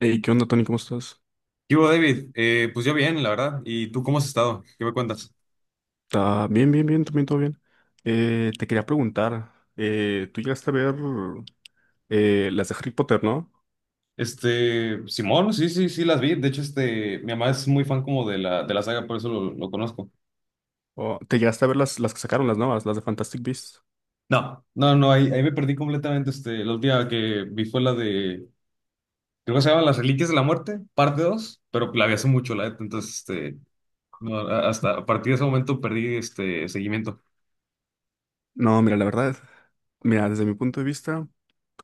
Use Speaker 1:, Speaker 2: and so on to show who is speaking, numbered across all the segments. Speaker 1: Hey, ¿qué onda, Tony? ¿Cómo estás?
Speaker 2: ¿Qué hubo, David? Pues yo bien, la verdad. ¿Y tú cómo has estado? ¿Qué me cuentas?
Speaker 1: Está bien, bien, bien, también todo bien. Te quería preguntar, tú llegaste a ver las de Harry Potter, ¿no?
Speaker 2: Simón, sí, sí, sí las vi. De hecho, mi mamá es muy fan como de la saga, por eso lo conozco.
Speaker 1: O, ¿te llegaste a ver las que sacaron las nuevas, las de Fantastic Beasts?
Speaker 2: No, no, no, ahí me perdí completamente. La última que vi fue creo que se llama Las Reliquias de la Muerte, parte 2. Pero la vi hace mucho, la neta. Entonces, no, hasta a partir de ese momento perdí este seguimiento.
Speaker 1: No, mira, la verdad, mira, desde mi punto de vista,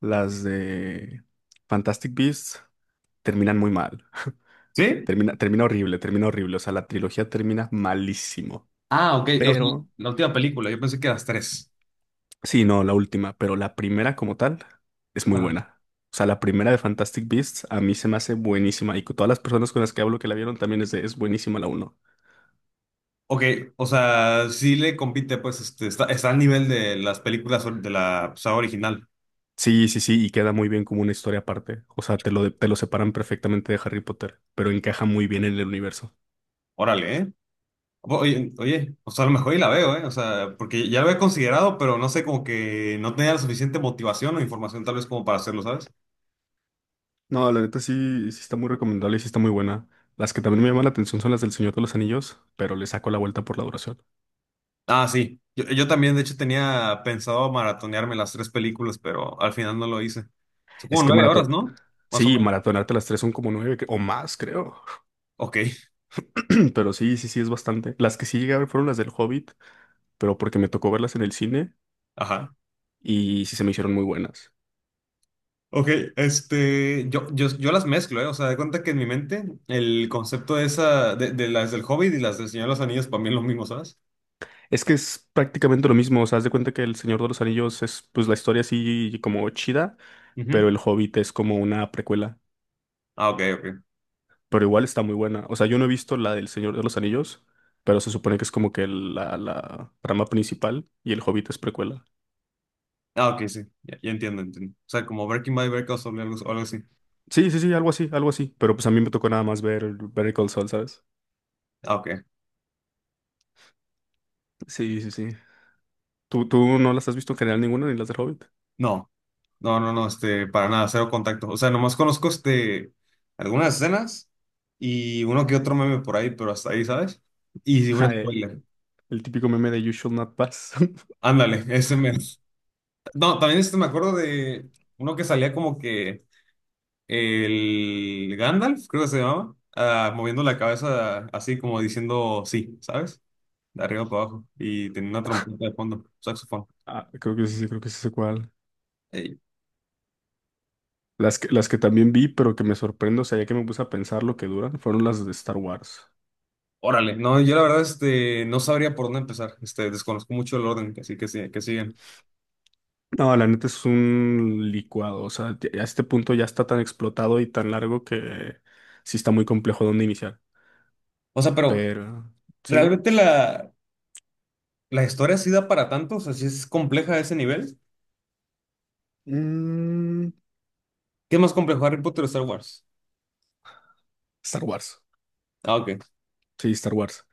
Speaker 1: las de Fantastic Beasts terminan muy mal.
Speaker 2: ¿Sí?
Speaker 1: Termina horrible, termina horrible. O sea, la trilogía termina malísimo.
Speaker 2: Ah, ok, la,
Speaker 1: Pero
Speaker 2: la última película, yo pensé que las tres.
Speaker 1: sí, no, la última, pero la primera como tal es muy buena. O sea, la primera de Fantastic Beasts a mí se me hace buenísima, y con todas las personas con las que hablo que la vieron también es buenísima la uno.
Speaker 2: Ok, o sea, sí le compite, pues, está al nivel de las películas de la saga original.
Speaker 1: Sí, sí, sí, y queda muy bien como una historia aparte. O sea, te lo separan perfectamente de Harry Potter, pero encaja muy bien en el universo.
Speaker 2: Órale, ¿eh? Oye, oye, o sea, a lo mejor y la veo, ¿eh? O sea, porque ya lo he considerado, pero no sé, como que no tenía la suficiente motivación o información tal vez como para hacerlo, ¿sabes?
Speaker 1: No, la neta sí, sí está muy recomendable y sí está muy buena. Las que también me llaman la atención son las del Señor de los Anillos, pero le saco la vuelta por la duración.
Speaker 2: Ah, sí. Yo también, de hecho, tenía pensado maratonearme las tres películas, pero al final no lo hice. Son como
Speaker 1: Es que
Speaker 2: 9 horas,
Speaker 1: maratón,
Speaker 2: ¿no? Más o
Speaker 1: sí,
Speaker 2: menos.
Speaker 1: maratonarte las tres son como nueve o más, creo.
Speaker 2: Ok,
Speaker 1: Pero sí, sí, sí, es bastante. Las que sí llegué a ver fueron las del Hobbit, pero porque me tocó verlas en el cine
Speaker 2: ajá.
Speaker 1: y sí se me hicieron muy buenas.
Speaker 2: Ok, yo las mezclo, ¿eh? O sea, de cuenta que en mi mente el concepto de esa, de las del Hobbit y las del Señor de los Anillos para mí es lo mismo, ¿sabes?
Speaker 1: Es que es prácticamente lo mismo. O sea, haz de cuenta que El Señor de los Anillos es pues la historia así como chida, pero
Speaker 2: Ujú.
Speaker 1: El Hobbit es como una precuela,
Speaker 2: Ah, ok, ok.
Speaker 1: pero igual está muy buena. O sea, yo no he visto la del Señor de los Anillos, pero se supone que es como que la trama principal y El Hobbit es precuela.
Speaker 2: Ah, ok, sí. Ya, ya entiendo, entiendo. O sea, como Breaking Bad o algo, así.
Speaker 1: Sí, sí, sí, algo así, pero pues a mí me tocó nada más ver Better Call Saul, ¿sabes?
Speaker 2: Ah, ok.
Speaker 1: Sí, sí, sí. ¿Tú no las has visto en general ninguna, ni las del Hobbit?
Speaker 2: No, no, no, no, para nada, cero contacto. O sea, nomás conozco, algunas escenas y uno que otro meme por ahí, pero hasta ahí, ¿sabes? Y un
Speaker 1: Ja,
Speaker 2: spoiler.
Speaker 1: el típico meme de You should Not Pass.
Speaker 2: Ándale, ese mes. No, también me acuerdo de uno que salía como que el Gandalf, creo que se llamaba, ah, moviendo la cabeza así como diciendo sí, ¿sabes? De arriba para abajo y tenía una trompeta de fondo, saxofón.
Speaker 1: Ah, creo que sí sé cuál.
Speaker 2: Ey,
Speaker 1: Las que también vi, pero que me sorprendo, o sea, ya que me puse a pensar lo que duran, fueron las de Star Wars.
Speaker 2: órale, no, yo la verdad no sabría por dónde empezar, desconozco mucho el orden, así que, que siguen.
Speaker 1: No, la neta es un licuado. O sea, ya a este punto ya está tan explotado y tan largo que sí está muy complejo dónde iniciar.
Speaker 2: O sea, pero
Speaker 1: Pero, sí, ¿no?
Speaker 2: realmente la historia sí da para tanto, o sea, sí es compleja a ese nivel.
Speaker 1: Mm,
Speaker 2: ¿Qué es más complejo, Harry Potter o Star Wars?
Speaker 1: Star Wars.
Speaker 2: Ah, ok,
Speaker 1: Sí, Star Wars.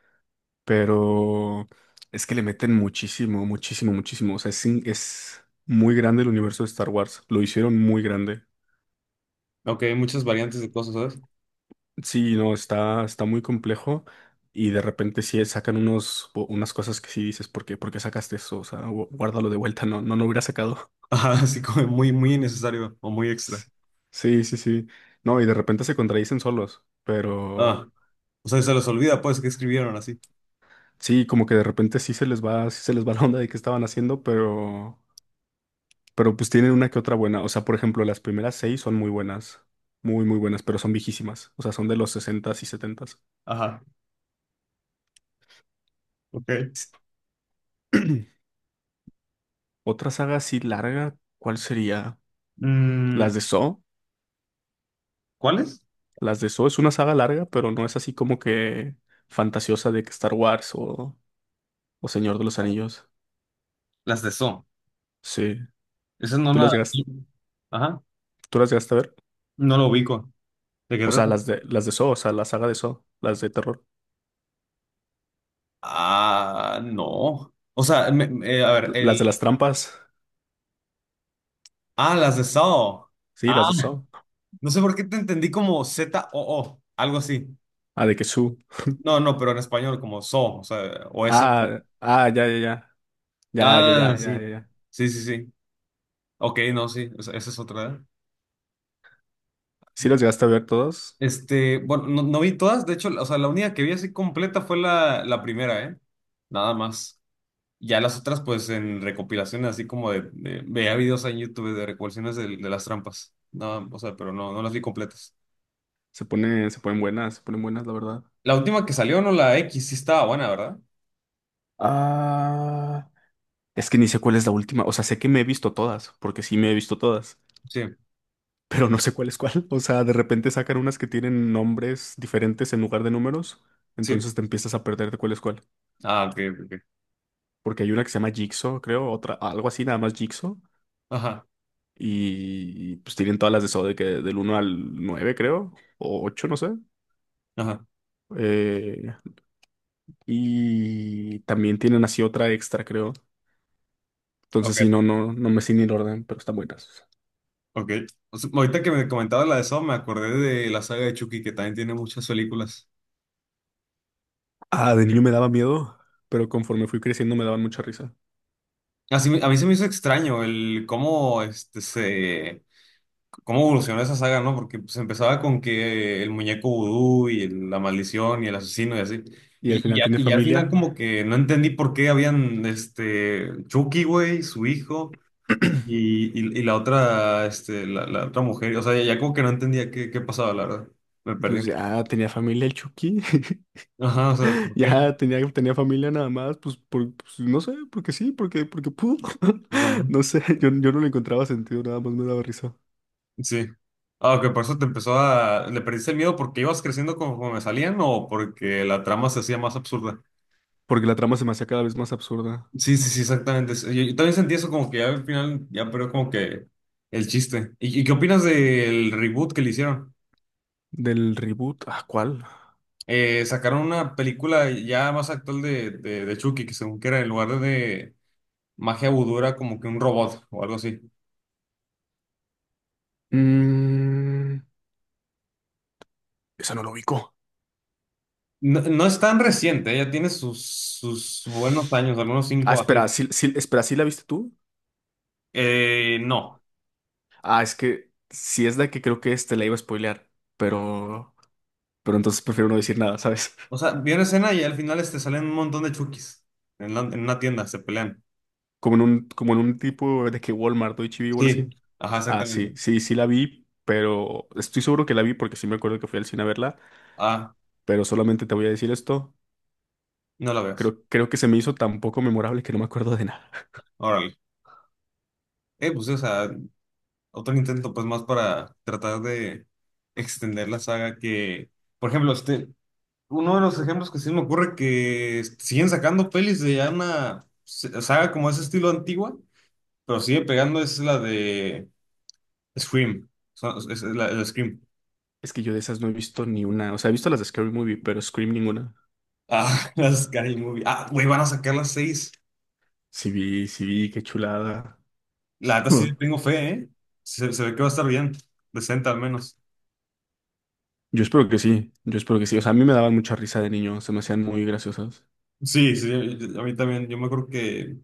Speaker 1: Pero es que le meten muchísimo, muchísimo, muchísimo. O sea, es muy grande el universo de Star Wars. Lo hicieron muy grande.
Speaker 2: ok, hay muchas variantes de cosas, ¿sabes?
Speaker 1: Sí, no, está, está muy complejo, y de repente sí sacan unas cosas que sí dices, por qué sacaste eso? O sea, guárdalo de vuelta, no, no lo hubiera sacado.
Speaker 2: Ajá, así como muy, muy innecesario o muy extra.
Speaker 1: S- Sí, sí, sí. No, y de repente se contradicen solos,
Speaker 2: Ah,
Speaker 1: pero
Speaker 2: o sea, se los olvida, pues, que escribieron así.
Speaker 1: sí, como que de repente sí se les va, sí se les va la onda de qué estaban haciendo, pero pues tienen una que otra buena. O sea, por ejemplo, las primeras seis son muy buenas, muy, muy buenas, pero son viejísimas. O sea, son de los sesentas y setentas.
Speaker 2: Ajá, ok.
Speaker 1: s Otra saga así larga, ¿cuál sería?
Speaker 2: Mm,
Speaker 1: Las de Saw.
Speaker 2: ¿cuáles?
Speaker 1: Las de Saw es una saga larga, pero no es así como que fantasiosa de que Star Wars o Señor de los Anillos.
Speaker 2: Las de So.
Speaker 1: Sí.
Speaker 2: Esa no
Speaker 1: ¿Tú
Speaker 2: la...
Speaker 1: las llegas,
Speaker 2: Ajá,
Speaker 1: ¿Tú las llegaste a ver?
Speaker 2: no lo ubico. ¿De qué
Speaker 1: O sea,
Speaker 2: trata?
Speaker 1: las de Saw, o sea, la saga de Saw, las de terror.
Speaker 2: Ah, no. O sea, a ver,
Speaker 1: Las de
Speaker 2: el...
Speaker 1: las trampas.
Speaker 2: Ah, las de Saw.
Speaker 1: Sí,
Speaker 2: Ah,
Speaker 1: las de Saw.
Speaker 2: no sé por qué te entendí como ZOO, algo así.
Speaker 1: Ah, de que Su.
Speaker 2: No, no, pero en español como Saw, o sea, o S.
Speaker 1: Ah, ah, ya, ya, ya. Ya, ya, ya,
Speaker 2: Ah,
Speaker 1: ya, ya,
Speaker 2: sí.
Speaker 1: ya.
Speaker 2: Sí, sí, sí. Ok, no, sí, esa es otra, ¿eh?
Speaker 1: Sí las llegaste a ver todas.
Speaker 2: Bueno, no, no vi todas, de hecho. O sea, la única que vi así completa fue la primera, ¿eh? Nada más. Ya las otras, pues, en recopilaciones, así como veía videos en YouTube de recopilaciones de las trampas. No, o sea, pero no, no las vi completas.
Speaker 1: Se ponen buenas, se ponen buenas, la verdad.
Speaker 2: La última que salió, no, la X, sí estaba buena, ¿verdad?
Speaker 1: Ah, es que ni sé cuál es la última. O sea, sé que me he visto todas, porque sí me he visto todas,
Speaker 2: Sí,
Speaker 1: pero no sé cuál es cuál. O sea, de repente sacan unas que tienen nombres diferentes en lugar de números,
Speaker 2: sí.
Speaker 1: entonces te empiezas a perder de cuál es cuál.
Speaker 2: Ah, ok, ok. Ok.
Speaker 1: Porque hay una que se llama Jigsaw, creo, otra, algo así, nada más Jigsaw.
Speaker 2: Ajá,
Speaker 1: Y, pues tienen todas las de eso de que del uno al 9 creo, o ocho, no sé.
Speaker 2: ajá.
Speaker 1: Eh, y también tienen así otra extra, creo.
Speaker 2: Ok,
Speaker 1: Entonces, sí, no, no, no me sé ni el orden, pero están buenas.
Speaker 2: ok. O sea, ahorita que me comentabas la de Saw, me acordé de la saga de Chucky, que también tiene muchas películas.
Speaker 1: Ah, de niño me daba miedo, pero conforme fui creciendo me daban mucha risa.
Speaker 2: Así, a mí se me hizo extraño el cómo este se cómo evolucionó esa saga, ¿no? Porque pues empezaba con que el muñeco vudú y la maldición y el asesino y así.
Speaker 1: Y al
Speaker 2: Y, y,
Speaker 1: final
Speaker 2: a-
Speaker 1: tiene
Speaker 2: y al final como
Speaker 1: familia.
Speaker 2: que no entendí por qué habían, Chucky, güey, su hijo y, y la otra, la otra mujer. O sea, ya, ya como que no entendía qué pasaba, la verdad. Me
Speaker 1: Pues
Speaker 2: perdí.
Speaker 1: ya tenía familia el Chucky,
Speaker 2: Ajá, o sea, ¿por qué?
Speaker 1: ya tenía, tenía familia nada más, pues, por, pues, no sé, porque sí, porque, porque pudo.
Speaker 2: Pues, no.
Speaker 1: No sé, yo no le encontraba sentido, nada más me daba risa.
Speaker 2: Sí. Ah, que por eso te empezó a... ¿Le perdiste el miedo porque ibas creciendo conforme salían o porque la trama se hacía más absurda?
Speaker 1: Porque la trama se me hacía cada vez más absurda.
Speaker 2: Sí, sí, sí, exactamente. Yo también sentí eso como que ya al final, ya, pero como que el chiste. ¿Y qué opinas del reboot que le hicieron?
Speaker 1: Del reboot, ¿a cuál?
Speaker 2: Sacaron una película ya más actual de Chucky, que según que era en lugar de magia vudú era como que un robot o algo así.
Speaker 1: Mm, esa no lo ubico.
Speaker 2: No, no es tan reciente, ya tiene sus buenos años, algunos
Speaker 1: Ah,
Speaker 2: 5 a 6.
Speaker 1: espera, espera, ¿sí la viste tú?
Speaker 2: No.
Speaker 1: Ah, es que si es la que creo que este la iba a spoilear, pero, pero entonces prefiero no decir nada, ¿sabes?
Speaker 2: O sea, vi una escena y al final, salen un montón de Chuckys en una tienda, se pelean.
Speaker 1: Como en un tipo de que Walmart o H-E-B o algo así.
Speaker 2: Sí, ajá,
Speaker 1: Ah,
Speaker 2: exactamente.
Speaker 1: sí, sí, sí la vi, pero estoy seguro que la vi porque sí me acuerdo que fui al cine a verla,
Speaker 2: Ah,
Speaker 1: pero solamente te voy a decir esto.
Speaker 2: no la veas.
Speaker 1: Creo que se me hizo tan poco memorable que no me acuerdo de nada.
Speaker 2: Órale. Pues, sí, o sea, otro intento, pues, más para tratar de extender la saga que, por ejemplo, uno de los ejemplos que sí me ocurre que siguen sacando pelis de ya una saga como ese estilo antigua, pero sigue pegando es la de Scream. Es la Scream.
Speaker 1: Es que yo de esas no he visto ni una. O sea, he visto las de Scary Movie, pero Scream ninguna.
Speaker 2: Ah, la Scary Movie. Ah, güey, van a sacar las seis.
Speaker 1: Sí vi, qué chulada.
Speaker 2: La neta sí
Speaker 1: Mm.
Speaker 2: le tengo fe, ¿eh? Se ve que va a estar bien, decente al menos.
Speaker 1: Yo espero que sí, yo espero que sí. O sea, a mí me daban mucha risa de niño, se me hacían muy graciosas.
Speaker 2: Sí, sí, a mí también. Yo me acuerdo que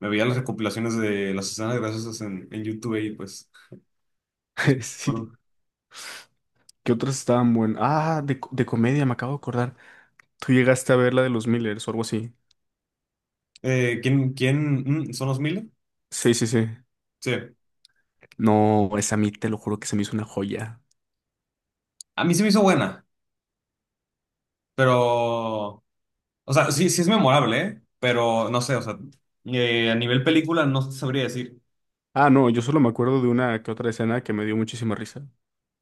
Speaker 2: me veía las recopilaciones de las escenas graciosas en YouTube y pues. es-
Speaker 1: Sí,
Speaker 2: bueno.
Speaker 1: ¿qué otras estaban buenas? Ah, de comedia, me acabo de acordar. Tú llegaste a ver la de los Millers o algo así.
Speaker 2: ¿Quién? ¿Son los mil?
Speaker 1: Sí, sí, sí.
Speaker 2: Sí.
Speaker 1: No, esa a mí te lo juro que se me hizo una joya.
Speaker 2: A mí se me hizo buena, pero. O sea, sí, sí es memorable, ¿eh? Pero no sé, o sea, a nivel película no sabría decir.
Speaker 1: Ah, no, yo solo me acuerdo de una que otra escena que me dio muchísima risa.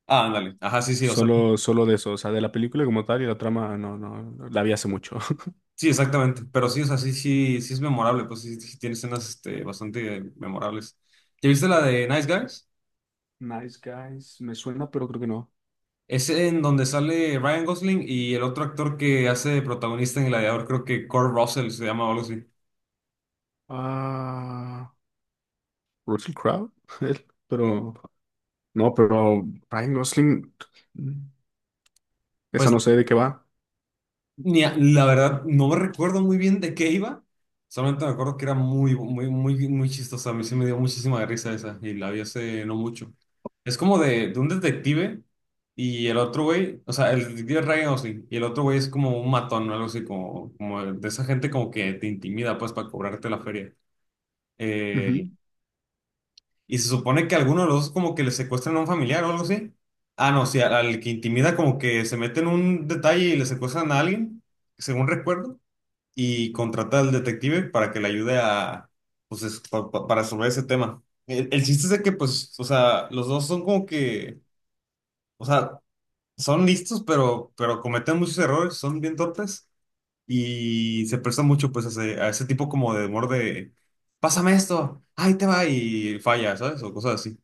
Speaker 2: Ah, ándale. Ajá, sí, sí, o sea.
Speaker 1: Solo, solo de eso, o sea, de la película como tal y la trama, no, no, la vi hace mucho.
Speaker 2: Sí, exactamente. Pero sí, o sea, sí, sí, sí es memorable. Pues sí, sí tiene escenas, bastante memorables. ¿Ya viste la de Nice Guys?
Speaker 1: Nice Guys, me suena, pero creo que no.
Speaker 2: Es en donde sale Ryan Gosling y el otro actor que hace de protagonista en Gladiador, creo que Kurt Russell se llama o algo así.
Speaker 1: Ah, Russell Crowe, él, pero no, pero Ryan Gosling, mm, esa
Speaker 2: Pues
Speaker 1: no sé de qué va.
Speaker 2: ni a- la verdad no me recuerdo muy bien de qué iba, solamente me acuerdo que era muy, muy, muy, muy chistosa. A mí sí me dio muchísima risa esa y la vi hace no mucho. Es como de un detective y el otro güey, o sea, el detective es Ryan Gosling y el otro güey es como un matón o algo así, como, como de esa gente como que te intimida pues para cobrarte la feria. Eh,
Speaker 1: Ujú.
Speaker 2: Y se supone que alguno de los dos como que le secuestran a un familiar o algo así. Ah, no, sí, al que intimida como que se mete en un detalle y le secuestran a alguien, según recuerdo, y contrata al detective para que le ayude a, pues, para resolver ese tema. El chiste es de que, pues, o sea, los dos son como que, o sea, son listos, pero, cometen muchos errores, son bien torpes y se prestan mucho, pues, a ese tipo como de humor de, pásame esto, ahí te va y falla, ¿sabes? O cosas así.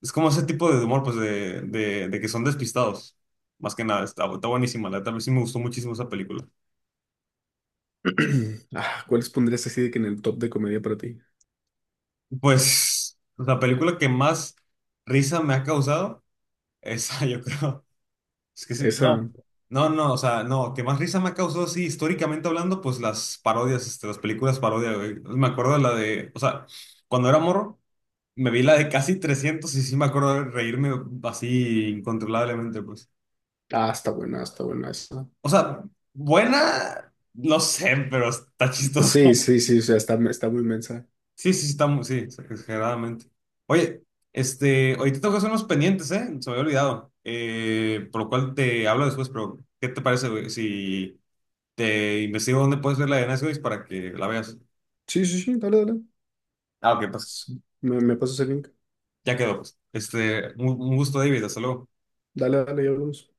Speaker 2: Es como ese tipo de humor, pues, de que son despistados. Más que nada, está buenísima. La verdad, sí me gustó muchísimo esa película.
Speaker 1: Ah, ¿cuáles pondrías así de que en el top de comedia para ti?
Speaker 2: Pues, la película que más risa me ha causado, esa yo creo. Es que sí,
Speaker 1: Esa,
Speaker 2: no. No, no, o sea, no, que más risa me ha causado, sí, históricamente hablando, pues las parodias, las películas parodia, güey. Me acuerdo de la de, o sea, cuando era morro, me vi la de Casi 300 y sí me acuerdo de reírme así incontrolablemente, pues.
Speaker 1: ah, está buena esa.
Speaker 2: O sea, buena, no sé, pero está chistoso.
Speaker 1: Sí, sí, sí, o sea, está, está muy mensa.
Speaker 2: Sí, sí, sí, está muy, sí, exageradamente. Oye, ahorita tengo que hacer unos pendientes, ¿eh? Se me había olvidado. Por lo cual te hablo después, pero ¿qué te parece, güey? Si te investigo dónde puedes ver la de Nice Guys para que la veas.
Speaker 1: Sí, sí, sí, dale, dale.
Speaker 2: Ah, ok, pues.
Speaker 1: Me pasas el link.
Speaker 2: Ya quedó, pues. Un gusto, David. Hasta luego.
Speaker 1: Dale, dale, y hablamos.